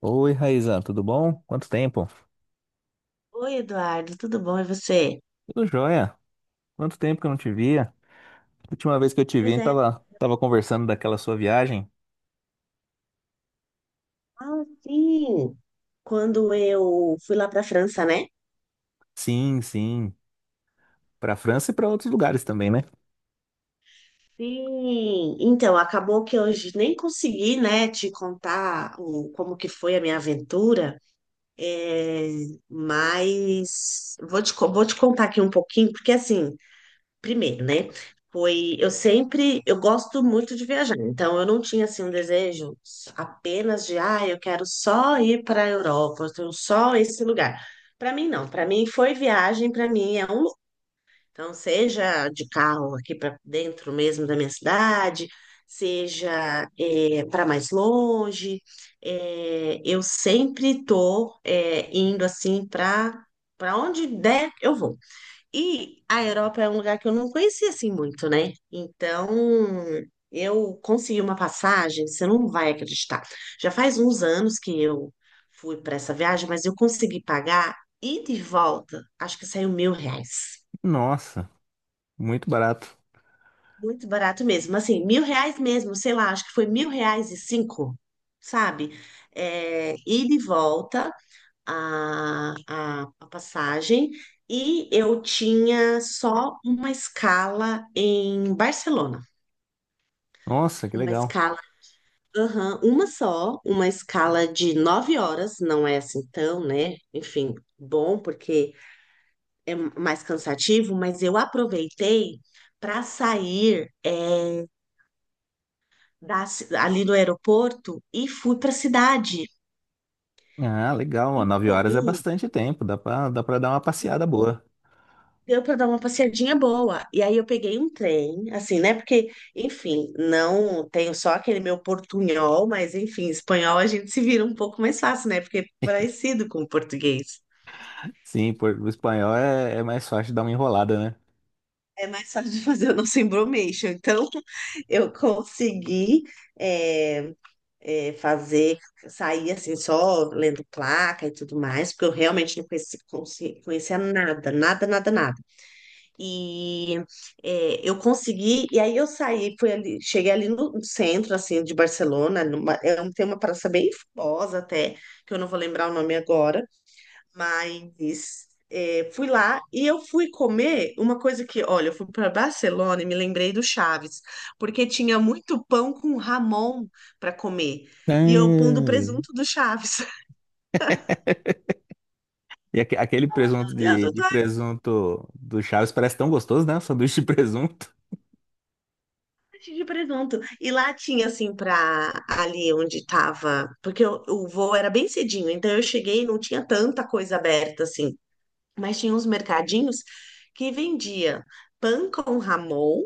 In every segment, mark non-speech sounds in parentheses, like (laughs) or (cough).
Oi, Raizan, tudo bom? Quanto tempo? Oi, Eduardo, tudo bom? E você? Tudo jóia. Quanto tempo que eu não te via? Última vez que eu te Pois vi, é. tava conversando daquela sua viagem. Ah, sim. Quando eu fui lá para a França, né? Sim, sim. Pra França e pra outros lugares também, né? Sim. Então, acabou que hoje nem consegui, né, te contar o, como que foi a minha aventura, é, mas vou vou te contar aqui um pouquinho, porque assim, primeiro, né? Foi, eu sempre, eu gosto muito de viajar, então eu não tinha assim um desejo apenas de, ah, eu quero só ir para a Europa, eu tenho só esse lugar. Para mim não, para mim foi viagem, para mim é então seja de carro aqui para dentro mesmo da minha cidade, seja para mais longe, eu sempre tô indo assim para onde der eu vou. E a Europa é um lugar que eu não conhecia assim muito, né? Então, eu consegui uma passagem, você não vai acreditar. Já faz uns anos que eu fui para essa viagem, mas eu consegui pagar ida e de volta, acho que saiu R$ 1.000. Nossa, muito barato. Muito barato mesmo, assim, R$ 1.000 mesmo, sei lá, acho que foi R$ 1.000 e cinco, sabe? É, ida e de volta. A passagem e eu tinha só uma escala em Barcelona. Nossa, que Uma legal. escala, aham, uma só, uma escala de 9 horas, não é assim tão, né? Enfim, bom, porque é mais cansativo, mas eu aproveitei para sair ali do aeroporto e fui para a cidade. Ah, legal. E Ó, 9 horas é comi bastante tempo. Dá pra dar uma passeada boa. Deu para dar uma passeadinha boa. E aí eu peguei um trem, assim, né? Porque, enfim, não tenho só aquele meu portunhol, mas enfim, espanhol a gente se vira um pouco mais fácil, né? Porque é parecido com o português. Sim, o espanhol é mais fácil dar uma enrolada, né? É mais fácil de fazer o nosso embromation. Então, (laughs) eu consegui é, fazer, sair assim, só lendo placa e tudo mais, porque eu realmente não conhecia nada, nada, nada, nada. E eu consegui, e aí eu saí, fui ali, cheguei ali no centro, assim, de Barcelona, tem uma praça bem famosa até, que eu não vou lembrar o nome agora, mas fui lá e eu fui comer uma coisa que, olha, eu fui para Barcelona e me lembrei do Chaves, porque tinha muito pão com Ramon para comer, e eu pondo o Ah, presunto do Chaves. e aquele presunto (laughs) Meu de, Deus, de presunto do Chaves parece tão gostoso, né? Sanduíche de presunto. de presunto. E lá tinha, assim, pra ali onde tava. Porque o voo era bem cedinho, então eu cheguei e não tinha tanta coisa aberta, assim. Mas tinha uns mercadinhos que vendia pão com ramon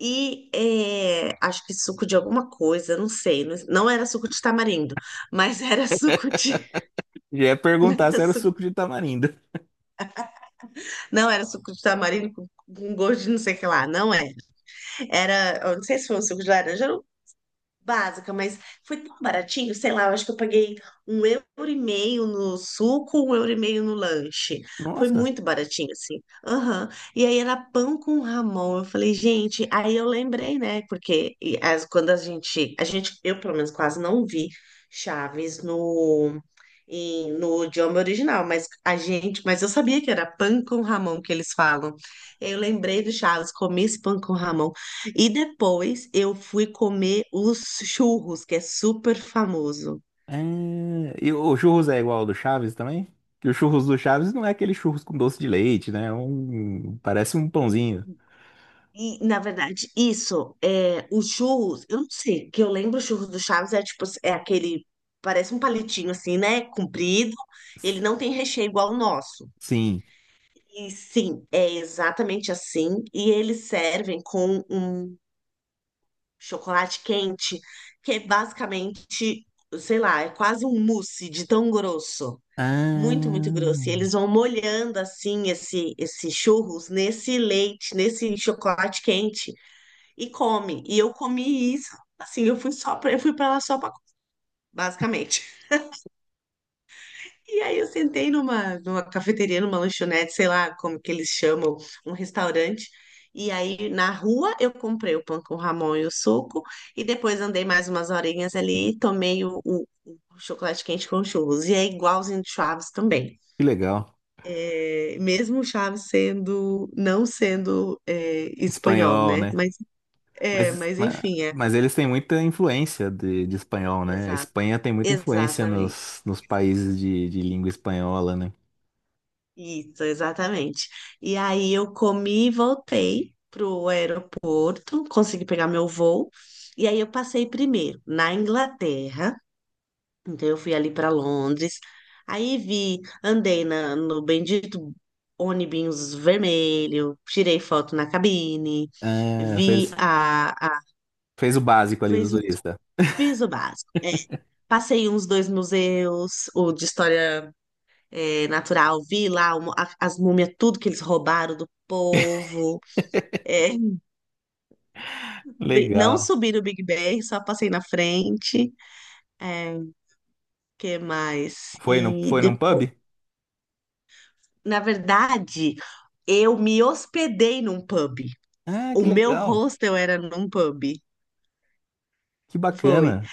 e acho que suco de alguma coisa, não sei. Não, não era suco de tamarindo, mas era suco de. Já ia perguntar se era o (laughs) suco de tamarindo. Não era suco, não era suco de tamarindo com gosto de não sei o que lá, não é. Era, eu não sei se foi um suco de laranja, básica, mas foi tão baratinho, sei lá, eu acho que eu paguei € 1,50 no suco, € 1,50 no lanche. Foi Nossa. muito baratinho, assim. Aham. E aí era pão com Ramon. Eu falei, gente, aí eu lembrei, né? Porque e as- quando eu pelo menos quase não vi Chaves no idioma original, mas eu sabia que era pão com Ramon que eles falam. Eu lembrei do Chaves, comi esse pão com Ramon e depois eu fui comer os churros, que é super famoso. É, e o churros é igual ao do Chaves também? Que o churros do Chaves não é aquele churros com doce de leite, né? Parece um pãozinho. E, na verdade, isso, é, os churros, eu não sei, que eu lembro os churros do Chaves é tipo, é aquele, parece um palitinho assim, né? Comprido, ele S- não tem recheio igual o nosso. Sim. E sim, é exatamente assim. E eles servem com um chocolate quente, que é basicamente, sei lá, é quase um mousse de tão grosso. Muito, muito grosso. E Ah, eles vão molhando assim esse, esse churros nesse leite, nesse chocolate quente e come. E eu comi isso, assim, eu fui para lá só para basicamente. E aí eu sentei numa, numa cafeteria, numa lanchonete, sei lá como que eles chamam, um restaurante. E aí na rua eu comprei o pão com Ramon e o suco. E depois andei mais umas horinhas ali e tomei o chocolate quente com churros. E é igualzinho de Chaves também. que legal. Mesmo o Chaves não sendo espanhol, Espanhol, né? né? Mas, é, Mas, mas ma- enfim, é. mas eles têm muita influência de espanhol, né? A Exato, Espanha tem muita influência exatamente. nos países de língua espanhola, né? Isso, exatamente. E aí eu comi e voltei pro aeroporto, consegui pegar meu voo. E aí eu passei primeiro na Inglaterra, então eu fui ali para Londres. Aí vi, andei no bendito ônibus vermelho, tirei foto na cabine, Ah, vi fez, a fez o básico ali do fiz, o- turista. fiz o básico. É, passei uns dois museus, o de história natural. Vi lá as múmias, tudo que eles roubaram do (laughs) povo. É, não Legal. subi no Big Ben, só passei na frente. É, que mais? Foi no, E foi num pub? depois, na verdade, eu me hospedei num pub. Ah, O que meu legal. hostel era num pub. Que Foi. bacana.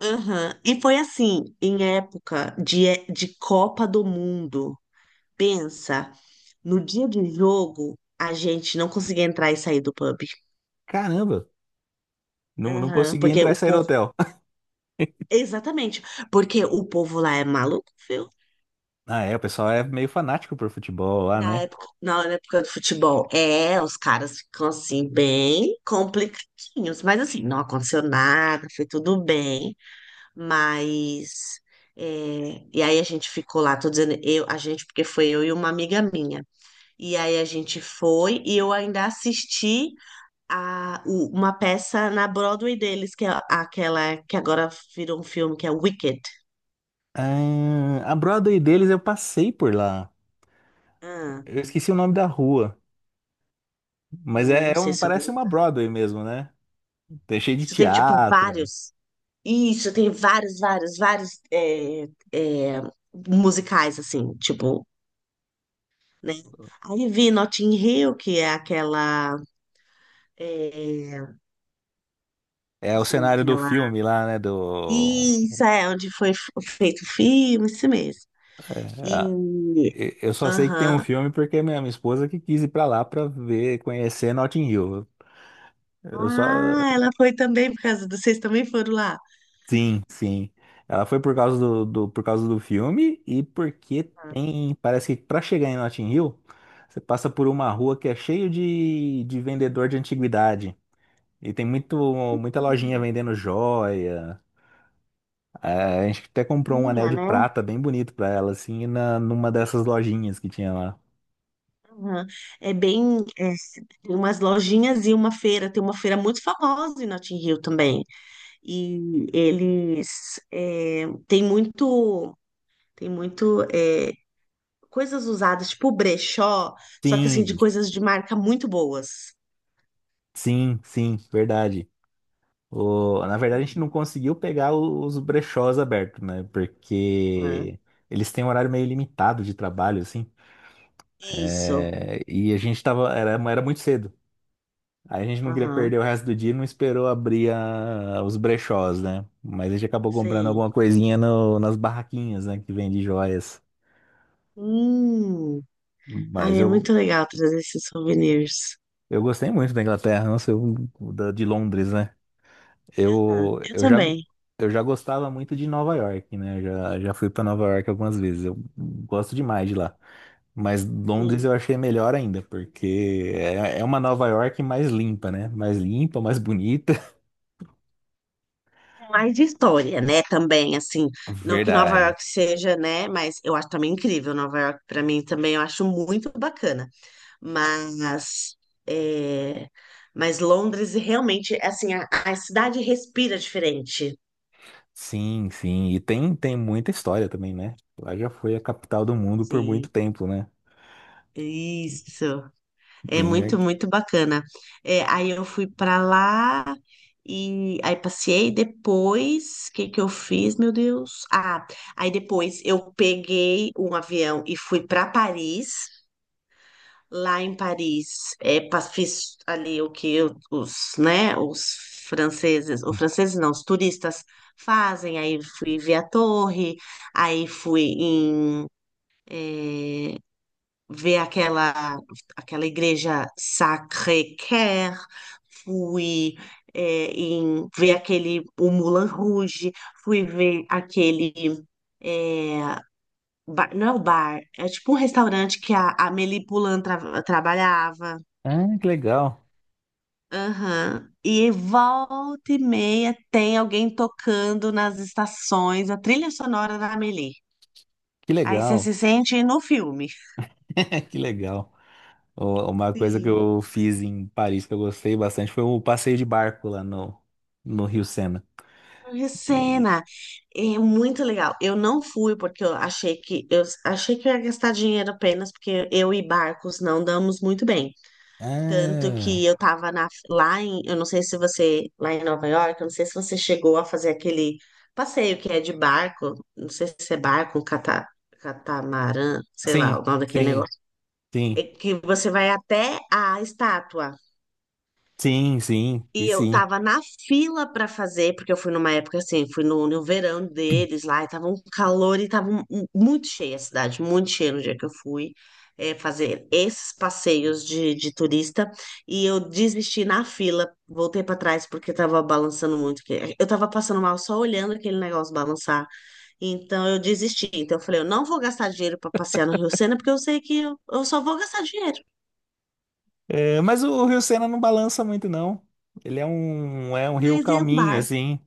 Aham. E foi assim, em época de Copa do Mundo. Pensa, no dia do jogo, a gente não conseguia entrar e sair do pub. Caramba, não, não Aham, consegui porque entrar e o sair do povo. hotel. (laughs) Exatamente. Porque o povo lá é maluco, viu? Ah, é, o pessoal é meio fanático por futebol lá, né? Na época do futebol. É, os caras ficam assim, bem complicadinhos. Mas assim, não aconteceu nada, foi tudo bem. Mas. E aí a gente ficou lá, tô dizendo eu, a gente, porque foi eu e uma amiga minha. E aí a gente foi e eu ainda assisti uma peça na Broadway deles, que é aquela que agora virou um filme, que é Wicked. Ah, a Broadway deles eu passei por lá. Ah, Eu esqueci o nome da rua, Ah, mas eu é, não é sei um, se eu vou parece uma lembrar. Broadway mesmo, né? Tem cheio de Você tem, tipo, teatro. vários. Isso, tem vários, vários, vários é, musicais, assim, tipo, né? Aí vi Notting Hill, que é aquela. É, É o assim, cenário do aquela. filme lá, né? Isso, é onde foi feito o filme, isso mesmo. É, E. eu só sei que tem um Aham. filme porque é minha esposa que quis ir pra lá pra ver, conhecer Notting Hill. Eu só, Ah, ela foi também por causa do. Vocês também foram lá? Sim, sim. Ela foi por causa do filme e porque tem. Parece que pra chegar em Notting Hill, você passa por uma rua que é cheio de vendedor de antiguidade. E tem muita lojinha vendendo joia. É, a gente até comprou um anel Minha de né? prata bem bonito pra ela, assim, numa dessas lojinhas que tinha lá. Aham. É bem, é, tem umas lojinhas e uma feira, tem uma feira muito famosa em Notting Hill também. Tem muito, tem muito coisas usadas, tipo brechó, só que assim, de Sim, coisas de marca muito boas. sim, sim, verdade. Na verdade, a gente Hum. não conseguiu pegar os brechós abertos, né? Aham. Porque eles têm um horário meio limitado de trabalho, assim. Isso, É, e a gente tava. Era muito cedo. Aí a gente não queria aham, perder o resto do dia e não esperou abrir os brechós, né? Mas a gente acabou comprando sei. alguma coisinha nas barraquinhas, né? Que vende joias. Hum. Mas Ai, é eu, muito legal trazer esses souvenirs. eu gostei muito da Inglaterra, não sei, de Londres, né? Aham. Eu, Eu eu já, também, eu já gostava muito de Nova York, né? Eu já fui para Nova York algumas vezes. Eu gosto demais de lá. Mas sim. Londres eu achei melhor ainda, porque é uma Nova York mais limpa, né? Mais limpa, mais bonita. Mais de história, né? Também, assim, (laughs) não que Nova Verdade. York seja, né? Mas eu acho também incrível. Nova York, para mim, também eu acho muito bacana. Mas, é, mas Londres realmente, assim, a cidade respira diferente. Sim, sim. E tem muita história também, né? Lá já foi a capital do mundo por muito Sim, tempo, né? isso. É Bem, né? muito, muito bacana. É, aí eu fui pra lá e aí passei. Depois, o que que eu fiz, meu Deus? Ah, aí depois eu peguei um avião e fui pra Paris. Lá em Paris, fiz ali o que os, né, os franceses não, os turistas fazem. Aí fui ver a torre, aí fui ver aquela igreja Sacré-Cœur, fui ver aquele o Moulin Rouge, fui ver aquele bar, não é o bar, é tipo um restaurante que a Amélie Poulain trabalhava. Ah, que legal. Aham. E volta e meia tem alguém tocando nas estações a trilha sonora da Amélie. Que Aí você legal. se sente no filme. (laughs) Que legal. Uma coisa que Sim. eu fiz em Paris que eu gostei bastante foi o passeio de barco lá no Rio Sena. E- Recena. É muito legal. Eu não fui porque eu achei que eu ia gastar dinheiro apenas porque eu e barcos não damos muito bem. Tanto Ah, que eu tava na, lá em, eu não sei se você, lá em Nova York, eu não sei se você chegou a fazer aquele passeio que é de barco, não sei se é catamarã, sei sim, lá o nome daquele sim, negócio. É sim, que você vai até a estátua. sim, sim, e E eu sim. tava na fila pra fazer, porque eu fui numa época assim, fui no verão deles lá, e tava um calor e tava muito cheia a cidade, muito cheia no dia que eu fui fazer esses passeios de turista. E eu desisti na fila, voltei pra trás porque tava balançando muito. Eu tava passando mal só olhando aquele negócio balançar. Então eu desisti. Então eu falei, eu não vou gastar dinheiro pra passear no Rio Sena, porque eu sei que eu só vou gastar dinheiro. É, mas o Rio Sena não balança muito, não. Ele é um, rio Mas é um calminho, barco. assim.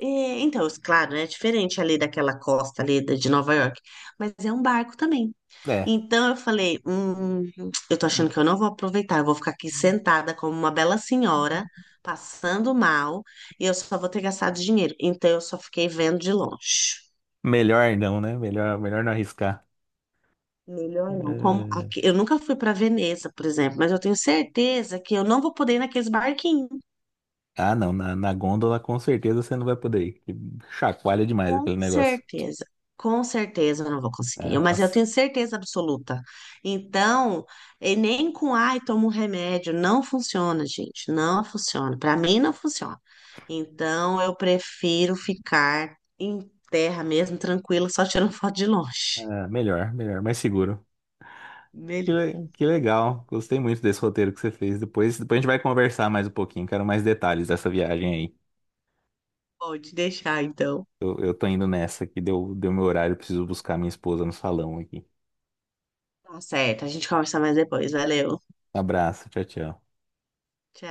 É, então, claro, né, é diferente ali daquela costa ali de Nova York, mas é um barco também. É, Então eu falei, eu tô achando que eu não vou aproveitar, eu vou ficar aqui sentada como uma bela senhora, passando mal, e eu só vou ter gastado dinheiro. Então eu só fiquei vendo de longe. melhor não, né? Melhor não arriscar. Melhor não. É, Eu nunca fui para Veneza, por exemplo, mas eu tenho certeza que eu não vou poder ir naqueles barquinhos. ah, não, na gôndola com certeza você não vai poder ir. Que Chacoalha demais Com aquele negócio. certeza, com certeza eu não vou É, conseguir, mas eu nossa, tenho certeza absoluta. Então, e nem com ai, tomo um remédio, não funciona, gente, não funciona. Para mim não funciona. Então, eu prefiro ficar em terra mesmo, tranquila, só tirando (laughs) foto de longe. é, melhor, mais seguro. Que, Melhor. le- que legal. Gostei muito desse roteiro que você fez. Depois a gente vai conversar mais um pouquinho. Quero mais detalhes dessa viagem aí. Pode deixar, então. Eu tô indo nessa que deu meu horário. Preciso buscar minha esposa no salão aqui. Tá certo, a gente conversa mais depois. Valeu. Abraço. Tchau, tchau.